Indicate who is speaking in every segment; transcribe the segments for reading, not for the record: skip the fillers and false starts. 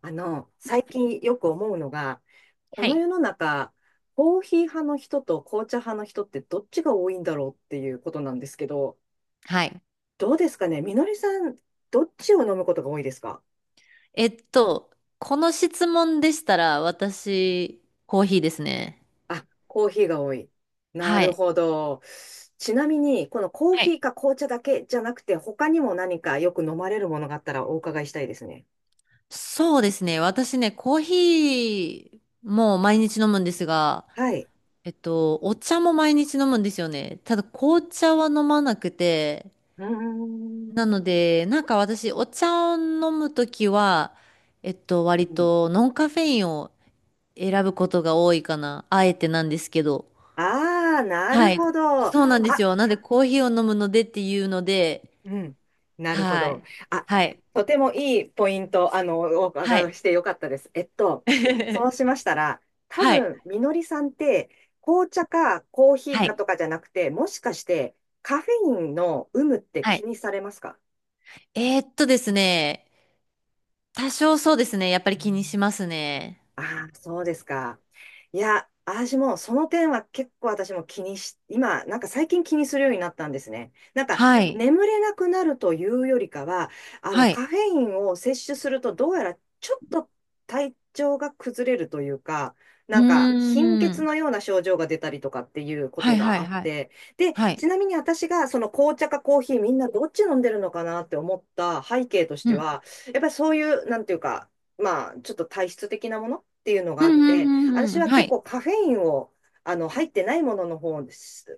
Speaker 1: 最近よく思うのが、こ
Speaker 2: は
Speaker 1: の
Speaker 2: い。
Speaker 1: 世の中、コーヒー派の人と紅茶派の人ってどっちが多いんだろうっていうことなんですけど、
Speaker 2: はい。
Speaker 1: どうですかねみのりさん、どっちを飲むことが多いですか？
Speaker 2: えっと、この質問でしたら、私、コーヒーですね。
Speaker 1: あ、コーヒーが多い。な
Speaker 2: は
Speaker 1: る
Speaker 2: い。
Speaker 1: ほど。ちなみに、このコー
Speaker 2: は
Speaker 1: ヒ
Speaker 2: い。
Speaker 1: ーか紅茶だけじゃなくて、他にも何かよく飲まれるものがあったらお伺いしたいですね。
Speaker 2: そうですね。私ね、コーヒーも毎日飲むんですが、
Speaker 1: はい。
Speaker 2: お茶も毎日飲むんですよね。ただ、紅茶は飲まなくて、
Speaker 1: うー
Speaker 2: な
Speaker 1: ん。
Speaker 2: ので、なんか私、お茶を飲むときは、
Speaker 1: う
Speaker 2: 割
Speaker 1: ん。
Speaker 2: とノンカフェインを選ぶことが多いかな。あえてなんですけど。
Speaker 1: ああー、なる
Speaker 2: はい。
Speaker 1: ほど。あ、
Speaker 2: そうなんですよ。なんでコーヒーを飲むのでっていうので、
Speaker 1: うん。なるほ
Speaker 2: は
Speaker 1: ど。
Speaker 2: い。
Speaker 1: あ、
Speaker 2: はい。
Speaker 1: とてもいいポイント、お
Speaker 2: は
Speaker 1: 伺い
Speaker 2: い。
Speaker 1: してよかったです。そうしま したら、多
Speaker 2: はい。
Speaker 1: 分、みのりさんって、紅茶かコーヒー
Speaker 2: は
Speaker 1: か
Speaker 2: い。
Speaker 1: とかじゃなくて、もしかして、カフェインの有無って
Speaker 2: は
Speaker 1: 気
Speaker 2: い。
Speaker 1: にされますか？
Speaker 2: ですね。多少そうですね。やっぱり気にしますね。
Speaker 1: ああ、そうですか。いや、私もその点は結構私も気にし、今、なんか最近気にするようになったんですね。なんか
Speaker 2: はい。
Speaker 1: 眠れなくなるというよりかは、あの
Speaker 2: はい。
Speaker 1: カフェインを摂取するとどうやらちょっと体調が崩れるというか、
Speaker 2: う
Speaker 1: な
Speaker 2: ー
Speaker 1: んか貧血
Speaker 2: ん。
Speaker 1: のような症状が出たりとかっていうこ
Speaker 2: は
Speaker 1: と
Speaker 2: いは
Speaker 1: が
Speaker 2: い
Speaker 1: あっ
Speaker 2: はい。
Speaker 1: て、で、
Speaker 2: はい。
Speaker 1: ちなみに私がその紅茶かコーヒーみんなどっち飲んでるのかなって思った背景とし
Speaker 2: う
Speaker 1: て
Speaker 2: ん。
Speaker 1: は、やっぱりそういう、なんていうか、まあ、ちょっと体質的なものっていうのが
Speaker 2: う
Speaker 1: あ
Speaker 2: んう
Speaker 1: って、
Speaker 2: んうん
Speaker 1: 私
Speaker 2: うん。
Speaker 1: は
Speaker 2: は
Speaker 1: 結
Speaker 2: い。
Speaker 1: 構カフェインを、入ってないものの方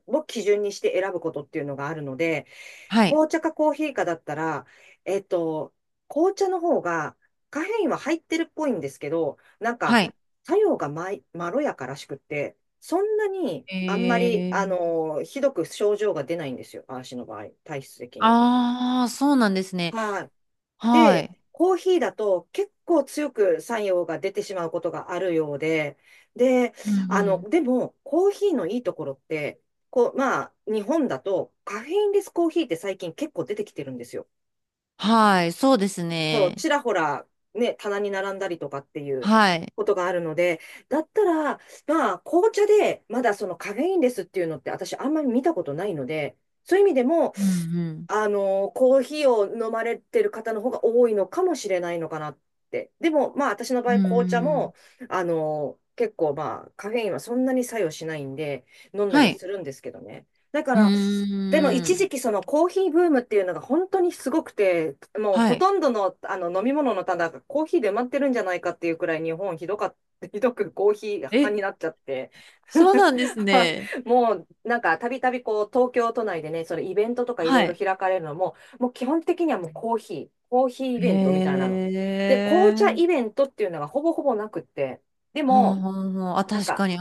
Speaker 1: を基準にして選ぶことっていうのがあるので、
Speaker 2: はい。
Speaker 1: 紅茶かコーヒーかだったら、えっと、紅茶の方がカフェインは入ってるっぽいんですけど、なんか
Speaker 2: はい。
Speaker 1: 作用がまろやからしくって、そんなに
Speaker 2: え
Speaker 1: あんまり、
Speaker 2: ー。
Speaker 1: ひどく症状が出ないんですよ、私の場合、体質的に。
Speaker 2: ああ、そうなんですね。
Speaker 1: はい。
Speaker 2: は
Speaker 1: で、
Speaker 2: い。
Speaker 1: コーヒーだと結構強く作用が出てしまうことがあるようで、で、
Speaker 2: うんうん。
Speaker 1: でも、コーヒーのいいところって、こう、まあ、日本だとカフェインレスコーヒーって最近結構出てきてるんですよ。
Speaker 2: はい。そうです
Speaker 1: そう、
Speaker 2: ね。
Speaker 1: ちらほら、ね、棚に並んだりとかっていう
Speaker 2: はい。
Speaker 1: ことがあるので、だったら、まあ、紅茶でまだそのカフェインレスっていうのって私あんまり見たことないので、そういう意味でも、
Speaker 2: うんうん。
Speaker 1: コーヒーを飲まれてる方の方が多いのかもしれないのかなって。でも、まあ、私の場
Speaker 2: うー
Speaker 1: 合、紅茶
Speaker 2: ん。
Speaker 1: も、結構、まあ、カフェインはそんなに作用しないんで、飲んだ
Speaker 2: は
Speaker 1: りは
Speaker 2: い。
Speaker 1: するんですけどね。だか
Speaker 2: う
Speaker 1: ら、でも
Speaker 2: ー
Speaker 1: 一時
Speaker 2: ん。
Speaker 1: 期そのコーヒーブームっていうのが本当にすごくて、もう
Speaker 2: は
Speaker 1: ほ
Speaker 2: い。
Speaker 1: とんどの、あの飲み物の棚がコーヒーで埋まってるんじゃないかっていうくらい日本ひどかっ ひどくコーヒー派
Speaker 2: え、
Speaker 1: になっちゃって
Speaker 2: そうなんですね。
Speaker 1: もうなんか、たびたびこう、東京都内でね、それイベントとかいろ
Speaker 2: は
Speaker 1: いろ
Speaker 2: い。
Speaker 1: 開かれるのも、もう基本的にはもうコーヒー、コーヒーイ
Speaker 2: へ
Speaker 1: ベントみたいなの。で、紅茶イ
Speaker 2: え。
Speaker 1: ベントっていうのがほぼほぼなくって、で
Speaker 2: はあ、
Speaker 1: も、
Speaker 2: はあ、はあ、あ
Speaker 1: なん
Speaker 2: 確か
Speaker 1: か、
Speaker 2: に。う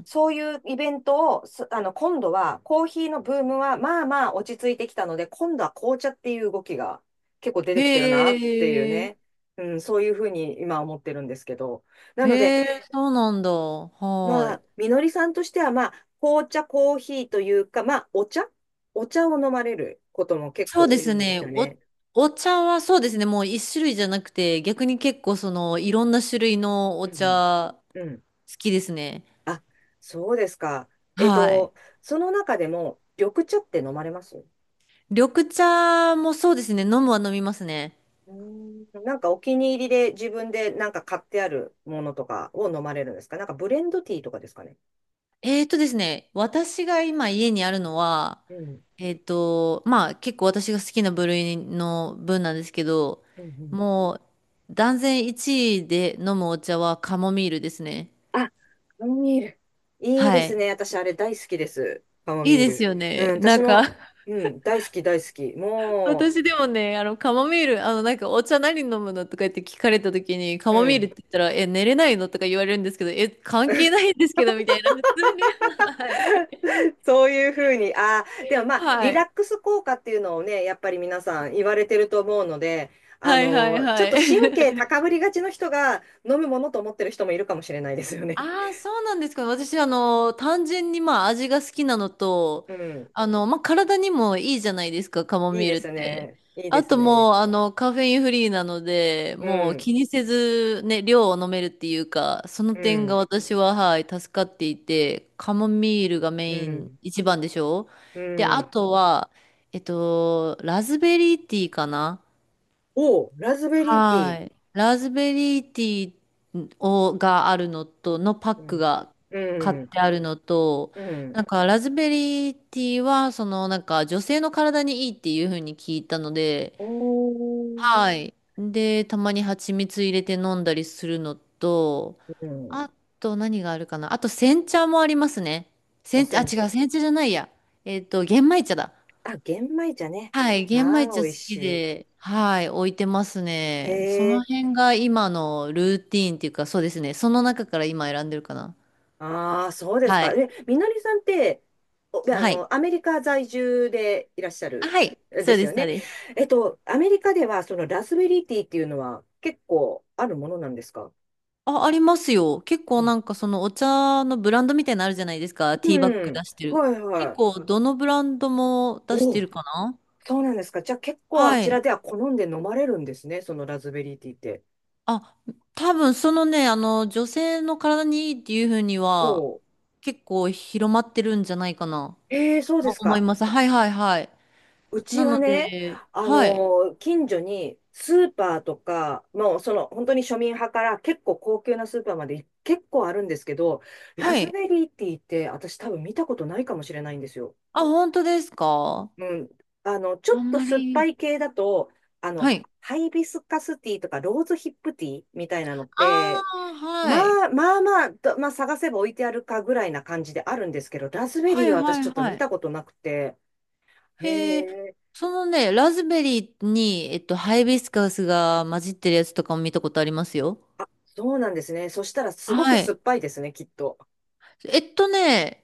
Speaker 2: ん。
Speaker 1: そういうイベントを、今度は、コーヒーのブームは、まあまあ落ち着いてきたので、今度は紅茶っていう動きが結構出てきてるなっていう
Speaker 2: へえ。
Speaker 1: ね、うん、そういうふうに今思ってるんですけど。な
Speaker 2: へ
Speaker 1: ので、
Speaker 2: え、そうなんだ。は
Speaker 1: ま
Speaker 2: い。
Speaker 1: あ、みのりさんとしては、まあ、紅茶、コーヒーというか、まあ、お茶を飲まれることも結
Speaker 2: そうで
Speaker 1: 構多
Speaker 2: す
Speaker 1: いんで
Speaker 2: ね。
Speaker 1: すよ
Speaker 2: お、
Speaker 1: ね。
Speaker 2: お茶はそうですね。もう一種類じゃなくて、逆に結構その、いろんな種類のお
Speaker 1: うん。
Speaker 2: 茶、
Speaker 1: うん。
Speaker 2: 好きですね。
Speaker 1: あ、そうですか。えっ
Speaker 2: はい。
Speaker 1: と、その中でも、緑茶って飲まれます
Speaker 2: 緑茶もそうですね。飲むは飲みますね。
Speaker 1: うーん、なんかお気に入りで自分でなんか買ってあるものとかを飲まれるんですか？なんかブレンドティーとかですかね。
Speaker 2: えーとですね、私が今家にあるのは、
Speaker 1: うん。
Speaker 2: えーと、まあ結構私が好きな部類の分なんですけど、
Speaker 1: うんうん。
Speaker 2: もう断然1位で飲むお茶はカモミールですね。
Speaker 1: あ、カモミール。いい
Speaker 2: は
Speaker 1: ですね。
Speaker 2: い。
Speaker 1: 私、あれ大好きです。カモ
Speaker 2: い
Speaker 1: ミ
Speaker 2: い
Speaker 1: ー
Speaker 2: です
Speaker 1: ル。
Speaker 2: よ
Speaker 1: うん、
Speaker 2: ね。な
Speaker 1: 私
Speaker 2: んか
Speaker 1: も、うん、大好き、大好き。も
Speaker 2: 私でもね、あの、カモミール、あの、なんか、お茶何飲むのとか言って聞かれた時に、カ
Speaker 1: う、う
Speaker 2: モミールっ
Speaker 1: ん。
Speaker 2: て言ったら、え、寝れないのとか言われるんですけど、え、関係ないんですけど、みたいな、普通に。はい。
Speaker 1: そういうふうに、ああ、でもまあ、
Speaker 2: は
Speaker 1: リラッ
Speaker 2: い。
Speaker 1: クス効果っていうのをね、やっぱり皆さん言われてると思うので、
Speaker 2: はいはい
Speaker 1: ちょ
Speaker 2: は
Speaker 1: っと神経
Speaker 2: い。
Speaker 1: 高 ぶりがちの人が飲むものと思ってる人もいるかもしれないですよね。
Speaker 2: ああ、そうなんですか。私、あの、単純にまあ味が好きなの と、
Speaker 1: うん。
Speaker 2: あの、まあ体にもいいじゃないですか、カモ
Speaker 1: いい
Speaker 2: ミール
Speaker 1: で
Speaker 2: っ
Speaker 1: す
Speaker 2: て。
Speaker 1: ね。いいで
Speaker 2: あ
Speaker 1: す
Speaker 2: とも
Speaker 1: ね。
Speaker 2: う、あの、カフェインフリーなので、
Speaker 1: う
Speaker 2: もう
Speaker 1: ん。
Speaker 2: 気にせずね、量を飲めるっていうか、その
Speaker 1: う
Speaker 2: 点が
Speaker 1: ん。
Speaker 2: 私は、はい、助かっていて、カモミールがメ
Speaker 1: う
Speaker 2: イン
Speaker 1: ん。
Speaker 2: 一番でしょ
Speaker 1: う
Speaker 2: で、あ
Speaker 1: ん。
Speaker 2: とは、ラズベリーティーかな
Speaker 1: おう、ラズベリーティ
Speaker 2: は
Speaker 1: ー。
Speaker 2: い。ラズベリーティーをがあるのと、のパッ
Speaker 1: う
Speaker 2: ク
Speaker 1: ん。
Speaker 2: が買っ
Speaker 1: うん
Speaker 2: てあるのと、
Speaker 1: う
Speaker 2: な
Speaker 1: ん。
Speaker 2: んかラズベリーティーは、そのなんか女性の体にいいっていう風に聞いたので、
Speaker 1: おー、
Speaker 2: はい。で、たまに蜂蜜入れて飲んだりするのと、
Speaker 1: うん。
Speaker 2: あと何があるかな。あと煎茶もありますね。
Speaker 1: お
Speaker 2: 煎茶、あ、
Speaker 1: せん
Speaker 2: 違う、
Speaker 1: 茶。
Speaker 2: 煎茶じゃないや。玄米茶だ。
Speaker 1: あ、玄米茶ね。
Speaker 2: はい、玄米
Speaker 1: まあ、
Speaker 2: 茶
Speaker 1: 美味
Speaker 2: 好き
Speaker 1: し
Speaker 2: で、はい、置いてます
Speaker 1: い。
Speaker 2: ね。そ
Speaker 1: へ
Speaker 2: の
Speaker 1: え。
Speaker 2: 辺が今のルーティーンっていうか、そうですね。その中から今選んでるかな。
Speaker 1: ああ、そうです
Speaker 2: は
Speaker 1: か。
Speaker 2: い。
Speaker 1: え、みのりさんって、お、
Speaker 2: はい。
Speaker 1: アメリカ在住でいらっしゃ
Speaker 2: あ
Speaker 1: る、
Speaker 2: はい。
Speaker 1: え
Speaker 2: そ
Speaker 1: で
Speaker 2: う
Speaker 1: す
Speaker 2: で
Speaker 1: よ
Speaker 2: す、そう
Speaker 1: ね。
Speaker 2: です。
Speaker 1: アメリカでは、そのラズベリーティーっていうのは結構あるものなんですか？
Speaker 2: あ、ありますよ。結構
Speaker 1: あ、
Speaker 2: なんかそのお茶のブランドみたいなのあるじゃないですか。ティーバッ
Speaker 1: う
Speaker 2: グ出
Speaker 1: ん。
Speaker 2: してる。
Speaker 1: はい
Speaker 2: 結
Speaker 1: は
Speaker 2: 構どのブランドも
Speaker 1: い。
Speaker 2: 出し
Speaker 1: お
Speaker 2: て
Speaker 1: う、
Speaker 2: るかな。
Speaker 1: そうなんですか。じゃあ結構あ
Speaker 2: は
Speaker 1: ちら
Speaker 2: い。
Speaker 1: では好んで飲まれるんですね。そのラズベリーティーって。
Speaker 2: あ、多分そのね、あの、女性の体にいいっていうふうには、
Speaker 1: おう。
Speaker 2: 結構広まってるんじゃないかな。
Speaker 1: ええ、そうで
Speaker 2: と
Speaker 1: す
Speaker 2: 思い
Speaker 1: か。
Speaker 2: ます。はいはいはい。
Speaker 1: うち
Speaker 2: なの
Speaker 1: はね、
Speaker 2: で、はい。
Speaker 1: 近所にスーパーとか、もうその本当に庶民派から結構高級なスーパーまで結構あるんですけど、ラ
Speaker 2: は
Speaker 1: ズ
Speaker 2: い。
Speaker 1: ベリーティーって私多分見たことないかもしれないんですよ。
Speaker 2: あ、本当ですか
Speaker 1: うん。ちょ
Speaker 2: あ
Speaker 1: っ
Speaker 2: ん
Speaker 1: と
Speaker 2: ま
Speaker 1: 酸っぱ
Speaker 2: り。
Speaker 1: い系だと、あ
Speaker 2: は
Speaker 1: の、
Speaker 2: い。
Speaker 1: ハイビスカスティーとかローズヒップティーみたいなのっ
Speaker 2: あ
Speaker 1: て、
Speaker 2: あ、
Speaker 1: ま
Speaker 2: はい。
Speaker 1: まあ探せば置いてあるかぐらいな感じであるんですけど、ラズベ
Speaker 2: は
Speaker 1: リー
Speaker 2: い
Speaker 1: は
Speaker 2: は
Speaker 1: 私ち
Speaker 2: い
Speaker 1: ょっと
Speaker 2: は
Speaker 1: 見
Speaker 2: い。
Speaker 1: たことなくて、へ
Speaker 2: へえ、
Speaker 1: え。
Speaker 2: そのね、ラズベリーに、ハイビスカスが混じってるやつとかも見たことありますよ。
Speaker 1: そうなんですね。そしたらすごく
Speaker 2: は
Speaker 1: 酸
Speaker 2: い。
Speaker 1: っぱいですね、きっと。
Speaker 2: えっとね、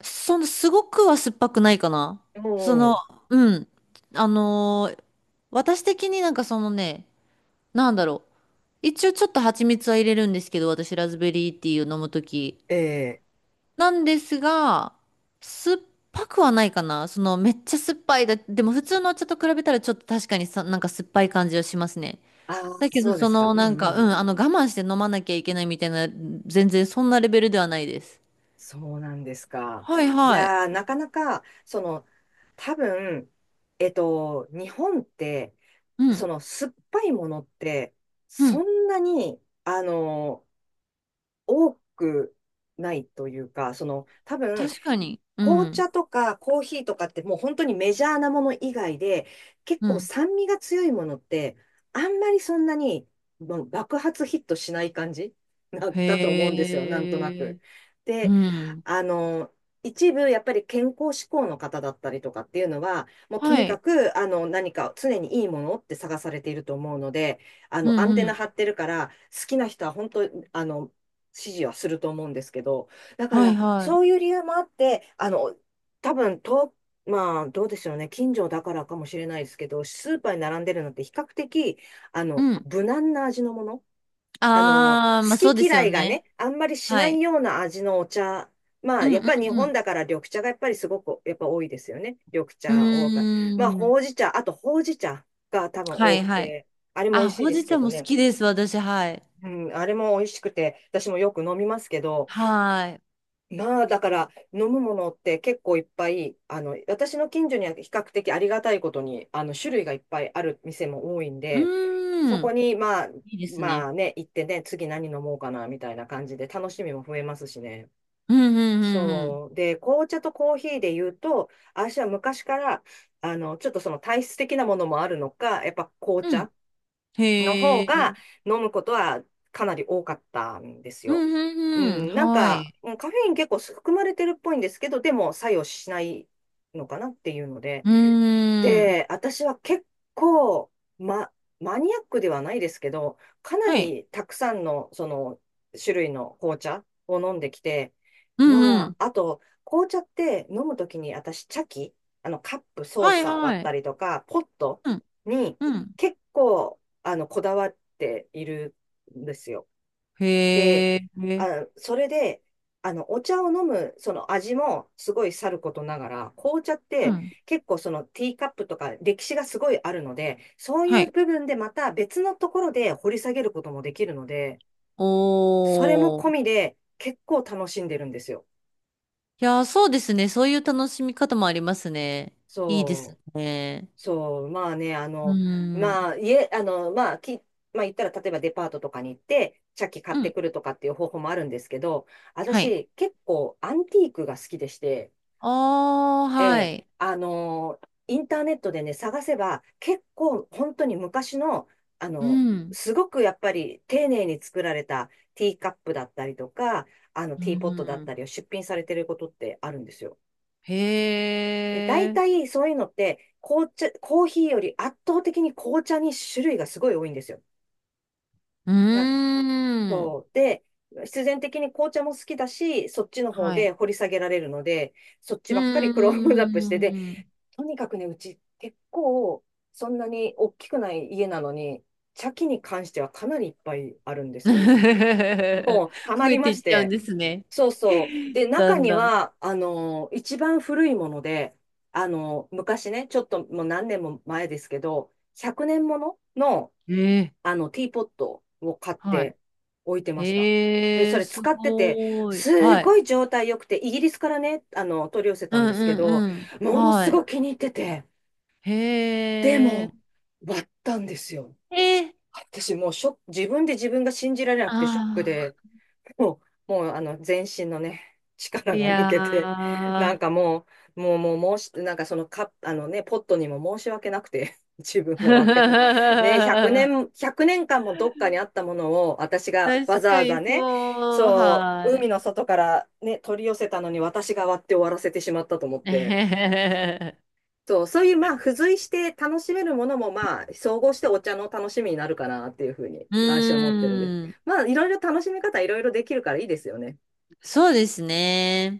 Speaker 2: その、すごくは酸っぱくないかな。
Speaker 1: う
Speaker 2: その、
Speaker 1: ん。
Speaker 2: うん。あのー私的になんかそのね、なんだろう。一応ちょっと蜂蜜は入れるんですけど、私ラズベリーティーを飲むとき。
Speaker 1: ええ。
Speaker 2: なんですが、酸っぱくはないかな。そのめっちゃ酸っぱいだ。でも普通のお茶と比べたらちょっと確かにさ、なんか酸っぱい感じはしますね。
Speaker 1: ああ、
Speaker 2: だけど
Speaker 1: そうで
Speaker 2: そ
Speaker 1: すか。
Speaker 2: の
Speaker 1: う
Speaker 2: なん
Speaker 1: んう
Speaker 2: か、うん、
Speaker 1: ん。
Speaker 2: あの我慢して飲まなきゃいけないみたいな、全然そんなレベルではないです。
Speaker 1: そうなんですか。
Speaker 2: はい
Speaker 1: い
Speaker 2: はい。
Speaker 1: やー、なかなか、その、多分、日本って、
Speaker 2: う
Speaker 1: そ
Speaker 2: ん、
Speaker 1: の、酸っぱいものって、
Speaker 2: う
Speaker 1: そ
Speaker 2: ん。
Speaker 1: んなに、多くないというか、その、多分、
Speaker 2: 確かに。う
Speaker 1: 紅
Speaker 2: ん、
Speaker 1: 茶とかコーヒーとかってもう本当にメジャーなもの以外で、結
Speaker 2: う
Speaker 1: 構
Speaker 2: ん。
Speaker 1: 酸味が強いものって、あんまりそんなにもう爆発ヒットしない感じ なだと思うんで
Speaker 2: へ
Speaker 1: すよ、なんとな
Speaker 2: え。
Speaker 1: く。
Speaker 2: う
Speaker 1: で、
Speaker 2: ん。
Speaker 1: あの、一部やっぱり健康志向の方だったりとかっていうのは、もうと
Speaker 2: は
Speaker 1: にか
Speaker 2: い。
Speaker 1: くあの何か常にいいものって探されていると思うので、あ
Speaker 2: う
Speaker 1: のア
Speaker 2: ん、
Speaker 1: ン
Speaker 2: う
Speaker 1: テナ
Speaker 2: ん。
Speaker 1: 張ってるから、好きな人は本当、あの、支持はすると思うんですけど、だか
Speaker 2: はい
Speaker 1: ら、
Speaker 2: はい。
Speaker 1: そういう理由もあって、多分と、まあ、どうでしょうね、近所だからかもしれないですけど、スーパーに並んでるのって比較的、
Speaker 2: うん。
Speaker 1: 無難な味のもの。
Speaker 2: あー、まあそ
Speaker 1: 好
Speaker 2: うで
Speaker 1: き
Speaker 2: す
Speaker 1: 嫌
Speaker 2: よ
Speaker 1: いがね、
Speaker 2: ね。
Speaker 1: あんまりし
Speaker 2: は
Speaker 1: ない
Speaker 2: い。
Speaker 1: ような味のお茶。ま
Speaker 2: う
Speaker 1: あ、
Speaker 2: ん、
Speaker 1: やっぱり日
Speaker 2: う
Speaker 1: 本
Speaker 2: ん、
Speaker 1: だから緑茶がやっぱりすごく、やっぱ多いですよね。緑
Speaker 2: う
Speaker 1: 茶多か、まあ、
Speaker 2: ん。うーん。
Speaker 1: ほうじ茶、ほうじ茶が多分
Speaker 2: は
Speaker 1: 多
Speaker 2: い
Speaker 1: く
Speaker 2: はい。
Speaker 1: て、あれも美
Speaker 2: あ、
Speaker 1: 味しい
Speaker 2: ほう
Speaker 1: です
Speaker 2: じ
Speaker 1: け
Speaker 2: 茶
Speaker 1: ど
Speaker 2: も好
Speaker 1: ね。
Speaker 2: きです、私、はい。
Speaker 1: うん、あれも美味しくて、私もよく飲みますけど、
Speaker 2: はい。
Speaker 1: まあ、だから、飲むものって結構いっぱい、私の近所には比較的ありがたいことに、種類がいっぱいある店も多いん
Speaker 2: う
Speaker 1: で、そ
Speaker 2: ー
Speaker 1: こ
Speaker 2: ん。
Speaker 1: に、まあ、
Speaker 2: いいです
Speaker 1: ま
Speaker 2: ね。
Speaker 1: あね、行ってね、次何飲もうかな、みたいな感じで、楽しみも増えますしね。
Speaker 2: うん、うん、うん
Speaker 1: そう。で、紅茶とコーヒーで言うと、私は昔から、ちょっとその体質的なものもあるのか、やっぱ紅
Speaker 2: うん、うん。
Speaker 1: 茶の
Speaker 2: へ
Speaker 1: 方が
Speaker 2: え。
Speaker 1: 飲むことはかなり多かったんです
Speaker 2: うん、
Speaker 1: よ。う
Speaker 2: うん、うん。
Speaker 1: ん、なん
Speaker 2: は
Speaker 1: か、
Speaker 2: い。
Speaker 1: うん、カフェイン結構含まれてるっぽいんですけど、でも作用しないのかなっていうので、
Speaker 2: うーん。
Speaker 1: で、私は結構、ま、マニアックではないですけど、かな
Speaker 2: はい。
Speaker 1: りたくさんの、その、種類の紅茶を飲んできて、
Speaker 2: う
Speaker 1: ま
Speaker 2: ん、うん。
Speaker 1: あ、あと、紅茶って飲むときに私、茶器、カップ、ソー
Speaker 2: はい、
Speaker 1: サーだっ
Speaker 2: は
Speaker 1: た
Speaker 2: い。
Speaker 1: りとか、ポット
Speaker 2: うん、
Speaker 1: に
Speaker 2: うん。
Speaker 1: 結構、こだわっているんですよ。で、
Speaker 2: へえ。
Speaker 1: あ、それで、お茶を飲む、その味もすごいさることながら、紅茶っ
Speaker 2: う
Speaker 1: て
Speaker 2: ん。
Speaker 1: 結構そのティーカップとか歴史がすごいあるので、そうい
Speaker 2: は
Speaker 1: う
Speaker 2: い。
Speaker 1: 部分でまた別のところで掘り下げることもできるので、それも
Speaker 2: お
Speaker 1: 込
Speaker 2: ー。
Speaker 1: みで結構楽しんでるんですよ。
Speaker 2: いやー、そうですね。そういう楽しみ方もありますね。いいです
Speaker 1: そう、
Speaker 2: ね。
Speaker 1: そう、まあね、あ
Speaker 2: うー
Speaker 1: の、
Speaker 2: ん。
Speaker 1: まあ、家、あの、まあ、き、まあ言ったら例えばデパートとかに行って、茶器買っ
Speaker 2: う
Speaker 1: て
Speaker 2: ん。
Speaker 1: くるとかっていう方法もあるんですけど、
Speaker 2: はい。
Speaker 1: 私結構アンティークが好きでして、
Speaker 2: あー、
Speaker 1: え
Speaker 2: は
Speaker 1: え、
Speaker 2: い。
Speaker 1: インターネットでね、探せば、結構本当に昔の、あ
Speaker 2: う
Speaker 1: の、
Speaker 2: ん。
Speaker 1: すごくやっぱり丁寧に作られたティーカップだったりとか、
Speaker 2: う
Speaker 1: ティーポットだっ
Speaker 2: ん。
Speaker 1: たりを出品されてることってあるんですよ。で、大
Speaker 2: へえ。
Speaker 1: 体そういうのって、紅茶、コーヒーより圧倒的に紅茶に種類がすごい多いんですよ。
Speaker 2: う
Speaker 1: なんか
Speaker 2: ーん。
Speaker 1: そう。で、必然的に紅茶も好きだし、そっちの方
Speaker 2: は
Speaker 1: で
Speaker 2: い。
Speaker 1: 掘り下げられるので、そっち
Speaker 2: うー
Speaker 1: ばっかりクロームアップして、で、
Speaker 2: ん。
Speaker 1: とにかくね、うち結構、そんなに大きくない家なのに、茶器に関してはかなりいっぱいあるんですよ。もう、ハマ
Speaker 2: 増え
Speaker 1: り
Speaker 2: て
Speaker 1: ま
Speaker 2: い
Speaker 1: し
Speaker 2: っちゃうん
Speaker 1: て。
Speaker 2: ですね。
Speaker 1: そうそう。で、
Speaker 2: だ
Speaker 1: 中
Speaker 2: ん
Speaker 1: に
Speaker 2: だ
Speaker 1: は、一番古いもので、昔ね、ちょっともう何年も前ですけど、100年ものの、
Speaker 2: ん。ええ。
Speaker 1: ティーポットを買っ
Speaker 2: はい。
Speaker 1: て置いてました。で、
Speaker 2: へ
Speaker 1: そ
Speaker 2: え、
Speaker 1: れ
Speaker 2: す
Speaker 1: 使ってて、
Speaker 2: ごーい。
Speaker 1: す
Speaker 2: は
Speaker 1: ご
Speaker 2: い。
Speaker 1: い状態良くて、イギリスからね、取り寄せ
Speaker 2: う
Speaker 1: たんで
Speaker 2: ん
Speaker 1: すけ
Speaker 2: う
Speaker 1: ど、
Speaker 2: んうん。
Speaker 1: もの
Speaker 2: は
Speaker 1: す
Speaker 2: い。
Speaker 1: ごい気に入ってて、
Speaker 2: へ
Speaker 1: で
Speaker 2: え。
Speaker 1: も、割ったんですよ。
Speaker 2: ええ。
Speaker 1: 私もうショック、自分で自分が信じられなくてショック
Speaker 2: あ
Speaker 1: で、
Speaker 2: あ。
Speaker 1: ももうあの全身のね、力
Speaker 2: い
Speaker 1: が抜
Speaker 2: や
Speaker 1: けて、なん
Speaker 2: ー。
Speaker 1: かもう、もう、もう、申し、なんかそのカッあのね、ポットにも申し訳なくて、自分がわけ、ね、100年、1年間もどっかにあったものを、私がわ
Speaker 2: 確
Speaker 1: ざ
Speaker 2: か
Speaker 1: わ
Speaker 2: に
Speaker 1: ざね、
Speaker 2: そう。
Speaker 1: そ
Speaker 2: は
Speaker 1: う、海
Speaker 2: い。
Speaker 1: の外からね、取り寄せたのに私が割って終わらせてしまったと思っ て、
Speaker 2: う
Speaker 1: そう、そういう、まあ、付随して楽しめるものも、まあ、総合してお茶の楽しみになるかなっていうふうに、私は思ってるんです。
Speaker 2: ーん。
Speaker 1: まあ、いろいろ楽しみ方、いろいろできるからいいですよね。
Speaker 2: そうですね。